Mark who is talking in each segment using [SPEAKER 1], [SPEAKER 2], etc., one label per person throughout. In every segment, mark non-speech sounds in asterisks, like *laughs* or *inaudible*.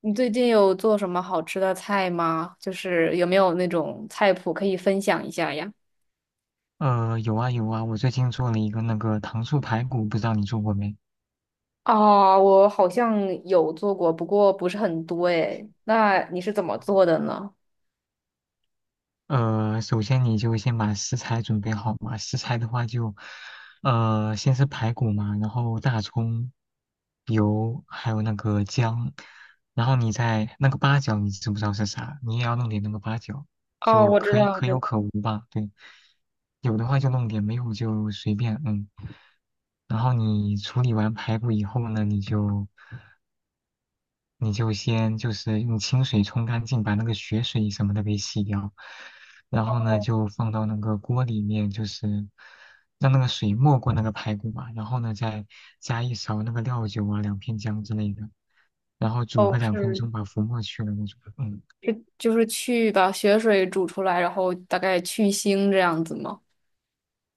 [SPEAKER 1] 你最近有做什么好吃的菜吗？就是有没有那种菜谱可以分享一下呀？
[SPEAKER 2] 有啊有啊，我最近做了一个那个糖醋排骨，不知道你做过没？
[SPEAKER 1] 啊，我好像有做过，不过不是很多诶。那你是怎么做的呢？
[SPEAKER 2] 首先你就先把食材准备好嘛。食材的话就，先是排骨嘛，然后大葱、油，还有那个姜，然后你再那个八角，你知不知道是啥？你也要弄点那个八角，
[SPEAKER 1] 哦，
[SPEAKER 2] 就
[SPEAKER 1] 我知
[SPEAKER 2] 可以
[SPEAKER 1] 道，
[SPEAKER 2] 可
[SPEAKER 1] 知
[SPEAKER 2] 有
[SPEAKER 1] 道。
[SPEAKER 2] 可无吧。对，有的话就弄点，没有就随便，嗯。然后你处理完排骨以后呢，你就先就是用清水冲干净，把那个血水什么的给洗掉，然后呢就放到那个锅里面，就是让那个水没过那个排骨嘛，然后呢再加一勺那个料酒啊，2片姜之类的，然后煮个
[SPEAKER 1] 哦，
[SPEAKER 2] 两分
[SPEAKER 1] 是
[SPEAKER 2] 钟，把浮沫去了那种嗯，
[SPEAKER 1] 是就是去把血水煮出来，然后大概去腥这样子吗？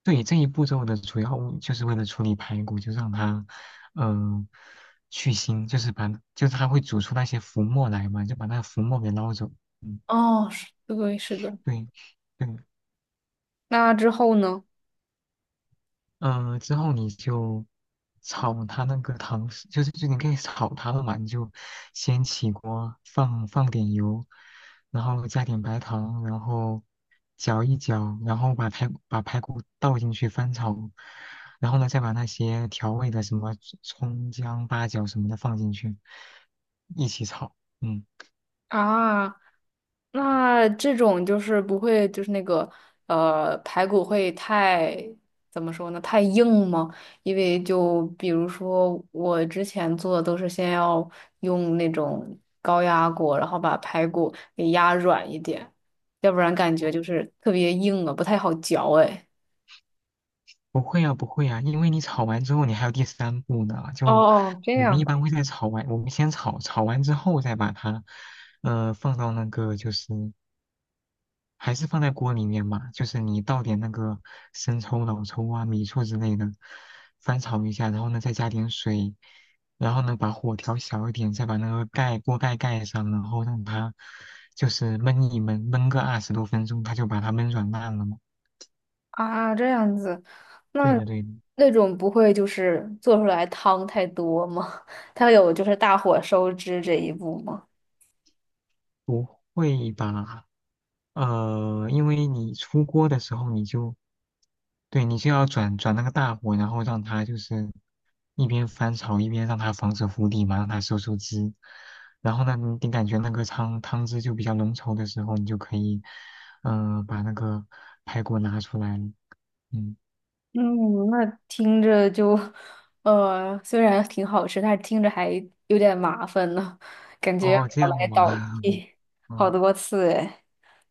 [SPEAKER 2] 对，这一步骤的主要目就是为了处理排骨，就让它嗯、去腥，就是把就是它会煮出那些浮沫来嘛，就把那浮沫给捞走。嗯，
[SPEAKER 1] 哦，是，对，是的。
[SPEAKER 2] 对。对。
[SPEAKER 1] 那之后呢？
[SPEAKER 2] 之后你就炒它那个糖水就你可以炒它了嘛，你就先起锅放点油，然后加点白糖，然后搅一搅，然后把排骨倒进去翻炒，然后呢再把那些调味的什么葱姜八角什么的放进去，一起炒。嗯。
[SPEAKER 1] 啊。那这种就是不会，就是那个排骨会太怎么说呢？太硬吗？因为就比如说我之前做的都是先要用那种高压锅，然后把排骨给压软一点，要不然感觉就是特别硬啊，不太好嚼哎。
[SPEAKER 2] 不会啊，不会啊，因为你炒完之后，你还有第三步呢。
[SPEAKER 1] 哦
[SPEAKER 2] 就
[SPEAKER 1] 哦，这
[SPEAKER 2] 我们
[SPEAKER 1] 样
[SPEAKER 2] 一
[SPEAKER 1] 的
[SPEAKER 2] 般会在炒完，我们先炒，炒完之后再把它，放到那个就是还是放在锅里面嘛，就是你倒点那个生抽、老抽啊、米醋之类的，翻炒一下，然后呢再加点水，然后呢把火调小一点，再把那个盖锅盖盖上，然后让它就是焖一焖，焖个20多分钟，它就把它焖软烂了嘛。
[SPEAKER 1] 啊，这样子，
[SPEAKER 2] 对
[SPEAKER 1] 那
[SPEAKER 2] 的，对的，
[SPEAKER 1] 那种不会就是做出来汤太多吗？*laughs* 它有就是大火收汁这一步吗？
[SPEAKER 2] 不会吧？因为你出锅的时候，对你就要转转那个大火，然后让它就是一边翻炒一边让它防止糊底嘛，让它收收汁。然后呢，你感觉那个汤汁就比较浓稠的时候，你就可以，把那个排骨拿出来了。嗯，
[SPEAKER 1] 嗯，那听着就，虽然挺好吃，但是听着还有点麻烦呢，感觉要
[SPEAKER 2] 哦，这
[SPEAKER 1] 倒
[SPEAKER 2] 样
[SPEAKER 1] 来
[SPEAKER 2] 吗？
[SPEAKER 1] 倒
[SPEAKER 2] *laughs*
[SPEAKER 1] 去好
[SPEAKER 2] 嗯，
[SPEAKER 1] 多次哎。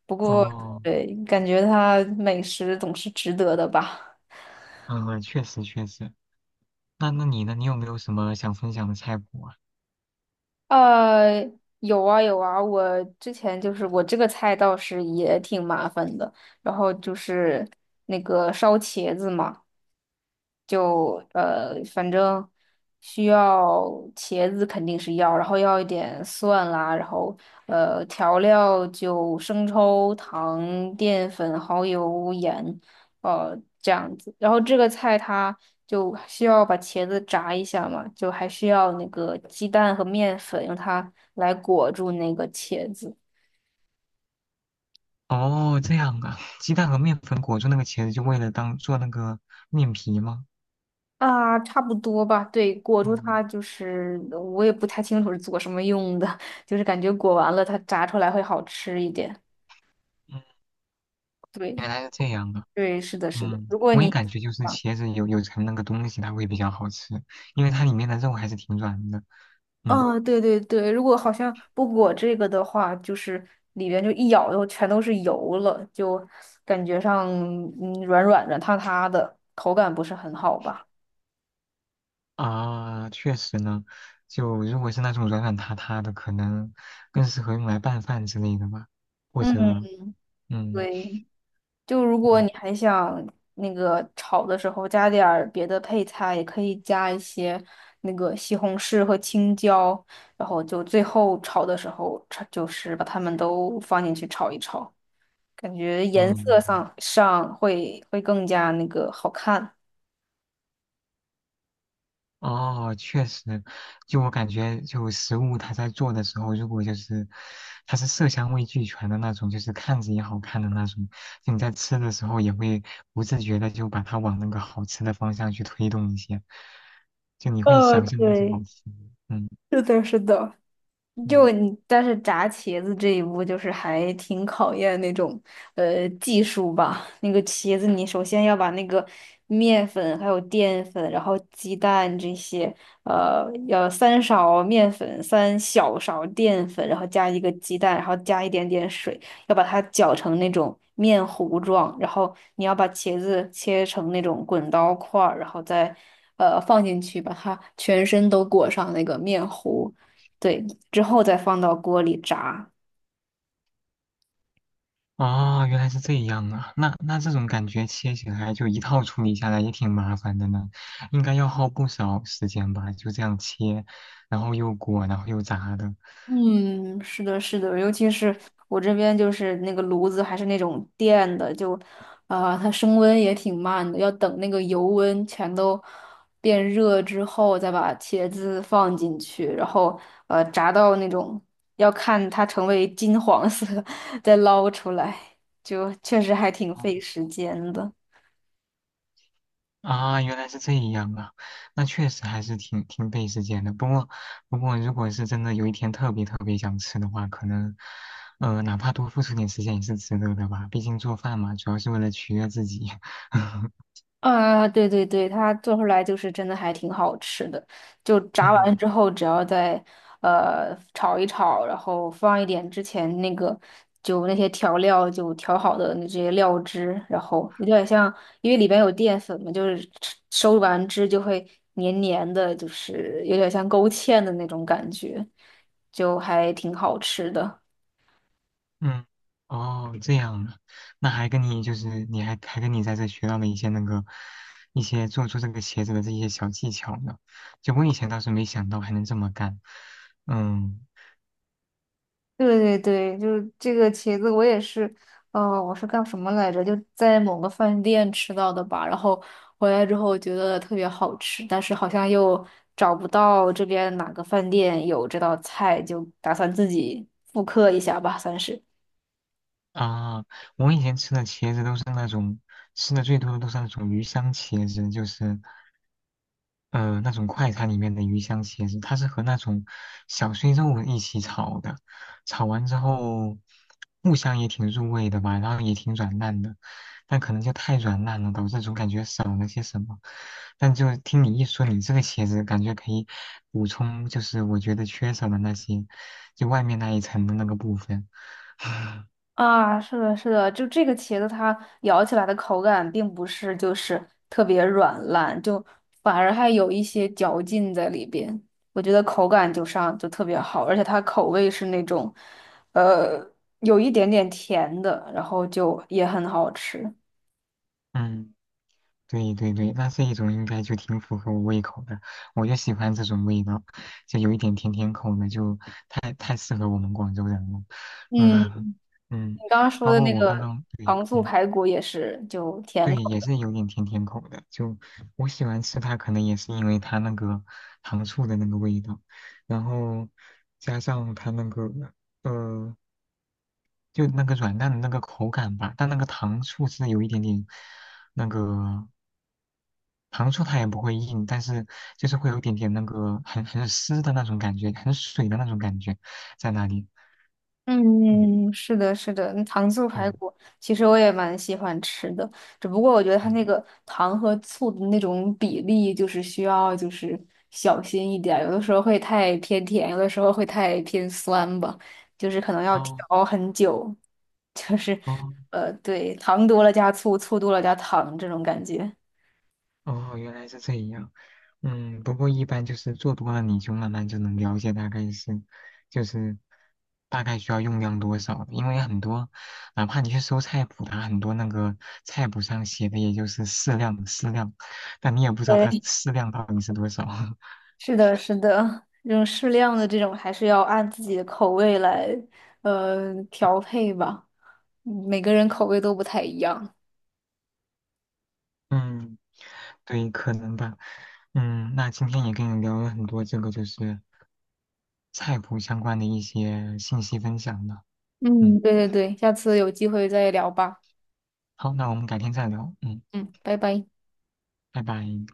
[SPEAKER 1] 不过，
[SPEAKER 2] 哦，
[SPEAKER 1] 对，感觉它美食总是值得的吧？
[SPEAKER 2] 嗯，确实确实。那你呢？你有没有什么想分享的菜谱啊？
[SPEAKER 1] 呃，有啊有啊，我之前就是我这个菜倒是也挺麻烦的，然后就是那个烧茄子嘛。就反正需要茄子肯定是要，然后要一点蒜啦，然后调料就生抽、糖、淀粉、蚝油、盐，这样子。然后这个菜它就需要把茄子炸一下嘛，就还需要那个鸡蛋和面粉，用它来裹住那个茄子。
[SPEAKER 2] 哦，这样啊，鸡蛋和面粉裹住那个茄子，就为了当做那个面皮吗？
[SPEAKER 1] 啊，差不多吧。对，裹住
[SPEAKER 2] 嗯
[SPEAKER 1] 它就是我也不太清楚是做什么用的，*laughs* 就是感觉裹完了它炸出来会好吃一点。
[SPEAKER 2] 嗯，
[SPEAKER 1] 对，
[SPEAKER 2] 原来是这样的。
[SPEAKER 1] 对，是的，是的。
[SPEAKER 2] 嗯，
[SPEAKER 1] 如果
[SPEAKER 2] 我也
[SPEAKER 1] 你
[SPEAKER 2] 感觉就是
[SPEAKER 1] 啊，
[SPEAKER 2] 茄子有层那个东西，它会比较好吃，因为它里面的肉还是挺软的。嗯
[SPEAKER 1] 啊对对对，如果好像不裹这个的话，就是里边就一咬就全都是油了，就感觉上嗯软软软塌塌的，口感不是很好吧？
[SPEAKER 2] 啊，确实呢，就如果是那种软软塌塌的，可能更适合用来拌饭之类的吧，或者
[SPEAKER 1] 嗯，
[SPEAKER 2] 嗯
[SPEAKER 1] 对。就如果
[SPEAKER 2] 嗯
[SPEAKER 1] 你还想那个炒的时候加点儿别的配菜，也可以加一些那个西红柿和青椒，然后就最后炒的时候，炒就是把它们都放进去炒一炒，感觉颜
[SPEAKER 2] 嗯
[SPEAKER 1] 色上会更加那个好看。
[SPEAKER 2] 哦，确实，就我感觉，就食物它在做的时候，如果就是它是色香味俱全的那种，就是看着也好看的那种，就你在吃的时候也会不自觉的就把它往那个好吃的方向去推动一些，就你会想象它是好
[SPEAKER 1] 对，
[SPEAKER 2] 吃的。嗯
[SPEAKER 1] 是的，是的。
[SPEAKER 2] 嗯，
[SPEAKER 1] 就你，但是炸茄子这一步就是还挺考验那种技术吧。那个茄子，你首先要把那个面粉、还有淀粉，然后鸡蛋这些，呃，要三勺面粉、三小勺淀粉，然后加一个鸡蛋，然后加一点点水，要把它搅成那种面糊状。然后你要把茄子切成那种滚刀块儿，然后再放进去，把它全身都裹上那个面糊。对，之后再放到锅里炸。
[SPEAKER 2] 哦，原来是这样啊，那这种感觉切起来就一套处理下来也挺麻烦的呢，应该要耗不少时间吧，就这样切，然后又裹，然后又炸的。
[SPEAKER 1] 嗯，是的，是的，尤其是我这边就是那个炉子还是那种电的，就啊、它升温也挺慢的，要等那个油温全都变热之后，再把茄子放进去，然后炸到那种要看它成为金黄色，*laughs* 再捞出来，就确实还挺
[SPEAKER 2] 哦
[SPEAKER 1] 费时间的。
[SPEAKER 2] 啊，原来是这样啊，那确实还是挺费时间的。不过，如果是真的有一天特别特别想吃的话，可能，哪怕多付出点时间也是值得的吧。毕竟做饭嘛，主要是为了取悦自己。*laughs*
[SPEAKER 1] 啊，对对对，它做出来就是真的还挺好吃的。就炸完
[SPEAKER 2] 嗯
[SPEAKER 1] 之后，只要再炒一炒，然后放一点之前那个就那些调料就调好的那些料汁，然后有点像，因为里边有淀粉嘛，就是吃收完汁就会黏黏的，就是有点像勾芡的那种感觉，就还挺好吃的。
[SPEAKER 2] 嗯，哦，这样啊，那还跟你就是你还还跟你在这学到了一些那个做出这个鞋子的这些小技巧呢。就我以前倒是没想到还能这么干。嗯。
[SPEAKER 1] 对对对，就是这个茄子，我也是，呃，我是干什么来着？就在某个饭店吃到的吧，然后回来之后觉得特别好吃，但是好像又找不到这边哪个饭店有这道菜，就打算自己复刻一下吧，算是。
[SPEAKER 2] 啊，我以前吃的茄子都是那种吃的最多的都是那种鱼香茄子，就是那种快餐里面的鱼香茄子，它是和那种小碎肉一起炒的，炒完之后木香也挺入味的吧，然后也挺软烂的，但可能就太软烂了，导致总感觉少了些什么。但就听你一说，你这个茄子感觉可以补充，就是我觉得缺少的那些，就外面那一层的那个部分，
[SPEAKER 1] 啊，是的，是的，就这个茄子它咬起来的口感并不是就是特别软烂，就反而还有一些嚼劲在里边。我觉得口感就上就特别好，而且它口味是那种，呃，有一点点甜的，然后就也很好吃。
[SPEAKER 2] 嗯。对对对，那这一种应该就挺符合我胃口的，我就喜欢这种味道，就有一点甜甜口的，就太适合我们广州人了。
[SPEAKER 1] 嗯，
[SPEAKER 2] 嗯嗯，
[SPEAKER 1] 你刚刚说
[SPEAKER 2] 包
[SPEAKER 1] 的
[SPEAKER 2] 括
[SPEAKER 1] 那
[SPEAKER 2] 我刚
[SPEAKER 1] 个
[SPEAKER 2] 刚，对，
[SPEAKER 1] 糖醋
[SPEAKER 2] 嗯，
[SPEAKER 1] 排骨也是，就甜
[SPEAKER 2] 对，
[SPEAKER 1] 口。
[SPEAKER 2] 也是有点甜甜口的，就我喜欢吃它，可能也是因为它那个糖醋的那个味道，然后加上它那个呃就那个软蛋的那个口感吧，但那个糖醋是有一点点那个。糖醋它也不会硬，但是就是会有一点点那个很湿的那种感觉，很水的那种感觉在那里。嗯，
[SPEAKER 1] 嗯，是的，是的，那糖醋排
[SPEAKER 2] 对，
[SPEAKER 1] 骨其实我也蛮喜欢吃的，只不过我觉得它
[SPEAKER 2] 嗯，
[SPEAKER 1] 那个糖和醋的那种比例，就是需要就是小心一点儿有的时候会太偏甜，有的时候会太偏酸吧，就是可能要
[SPEAKER 2] 哦
[SPEAKER 1] 调很久，就是
[SPEAKER 2] 哦
[SPEAKER 1] 对，糖多了加醋，醋多了加糖这种感觉。
[SPEAKER 2] 哦，原来是这样。嗯，不过一般就是做多了，你就慢慢就能了解大概是，就是大概需要用量多少的因为很多，哪怕你去搜菜谱啊，它很多那个菜谱上写的也就是适量适量，但你也不知道它适量到底是多少。*laughs*
[SPEAKER 1] 是的，是的，这种适量的这种还是要按自己的口味来，调配吧。嗯每个人口味都不太一样。
[SPEAKER 2] 嗯，对，可能吧。嗯，那今天也跟你聊了很多这个就是菜谱相关的一些信息分享呢。嗯，
[SPEAKER 1] 嗯，对对对，下次有机会再聊吧。
[SPEAKER 2] 好，那我们改天再聊。嗯，
[SPEAKER 1] 嗯，拜拜。
[SPEAKER 2] 拜拜。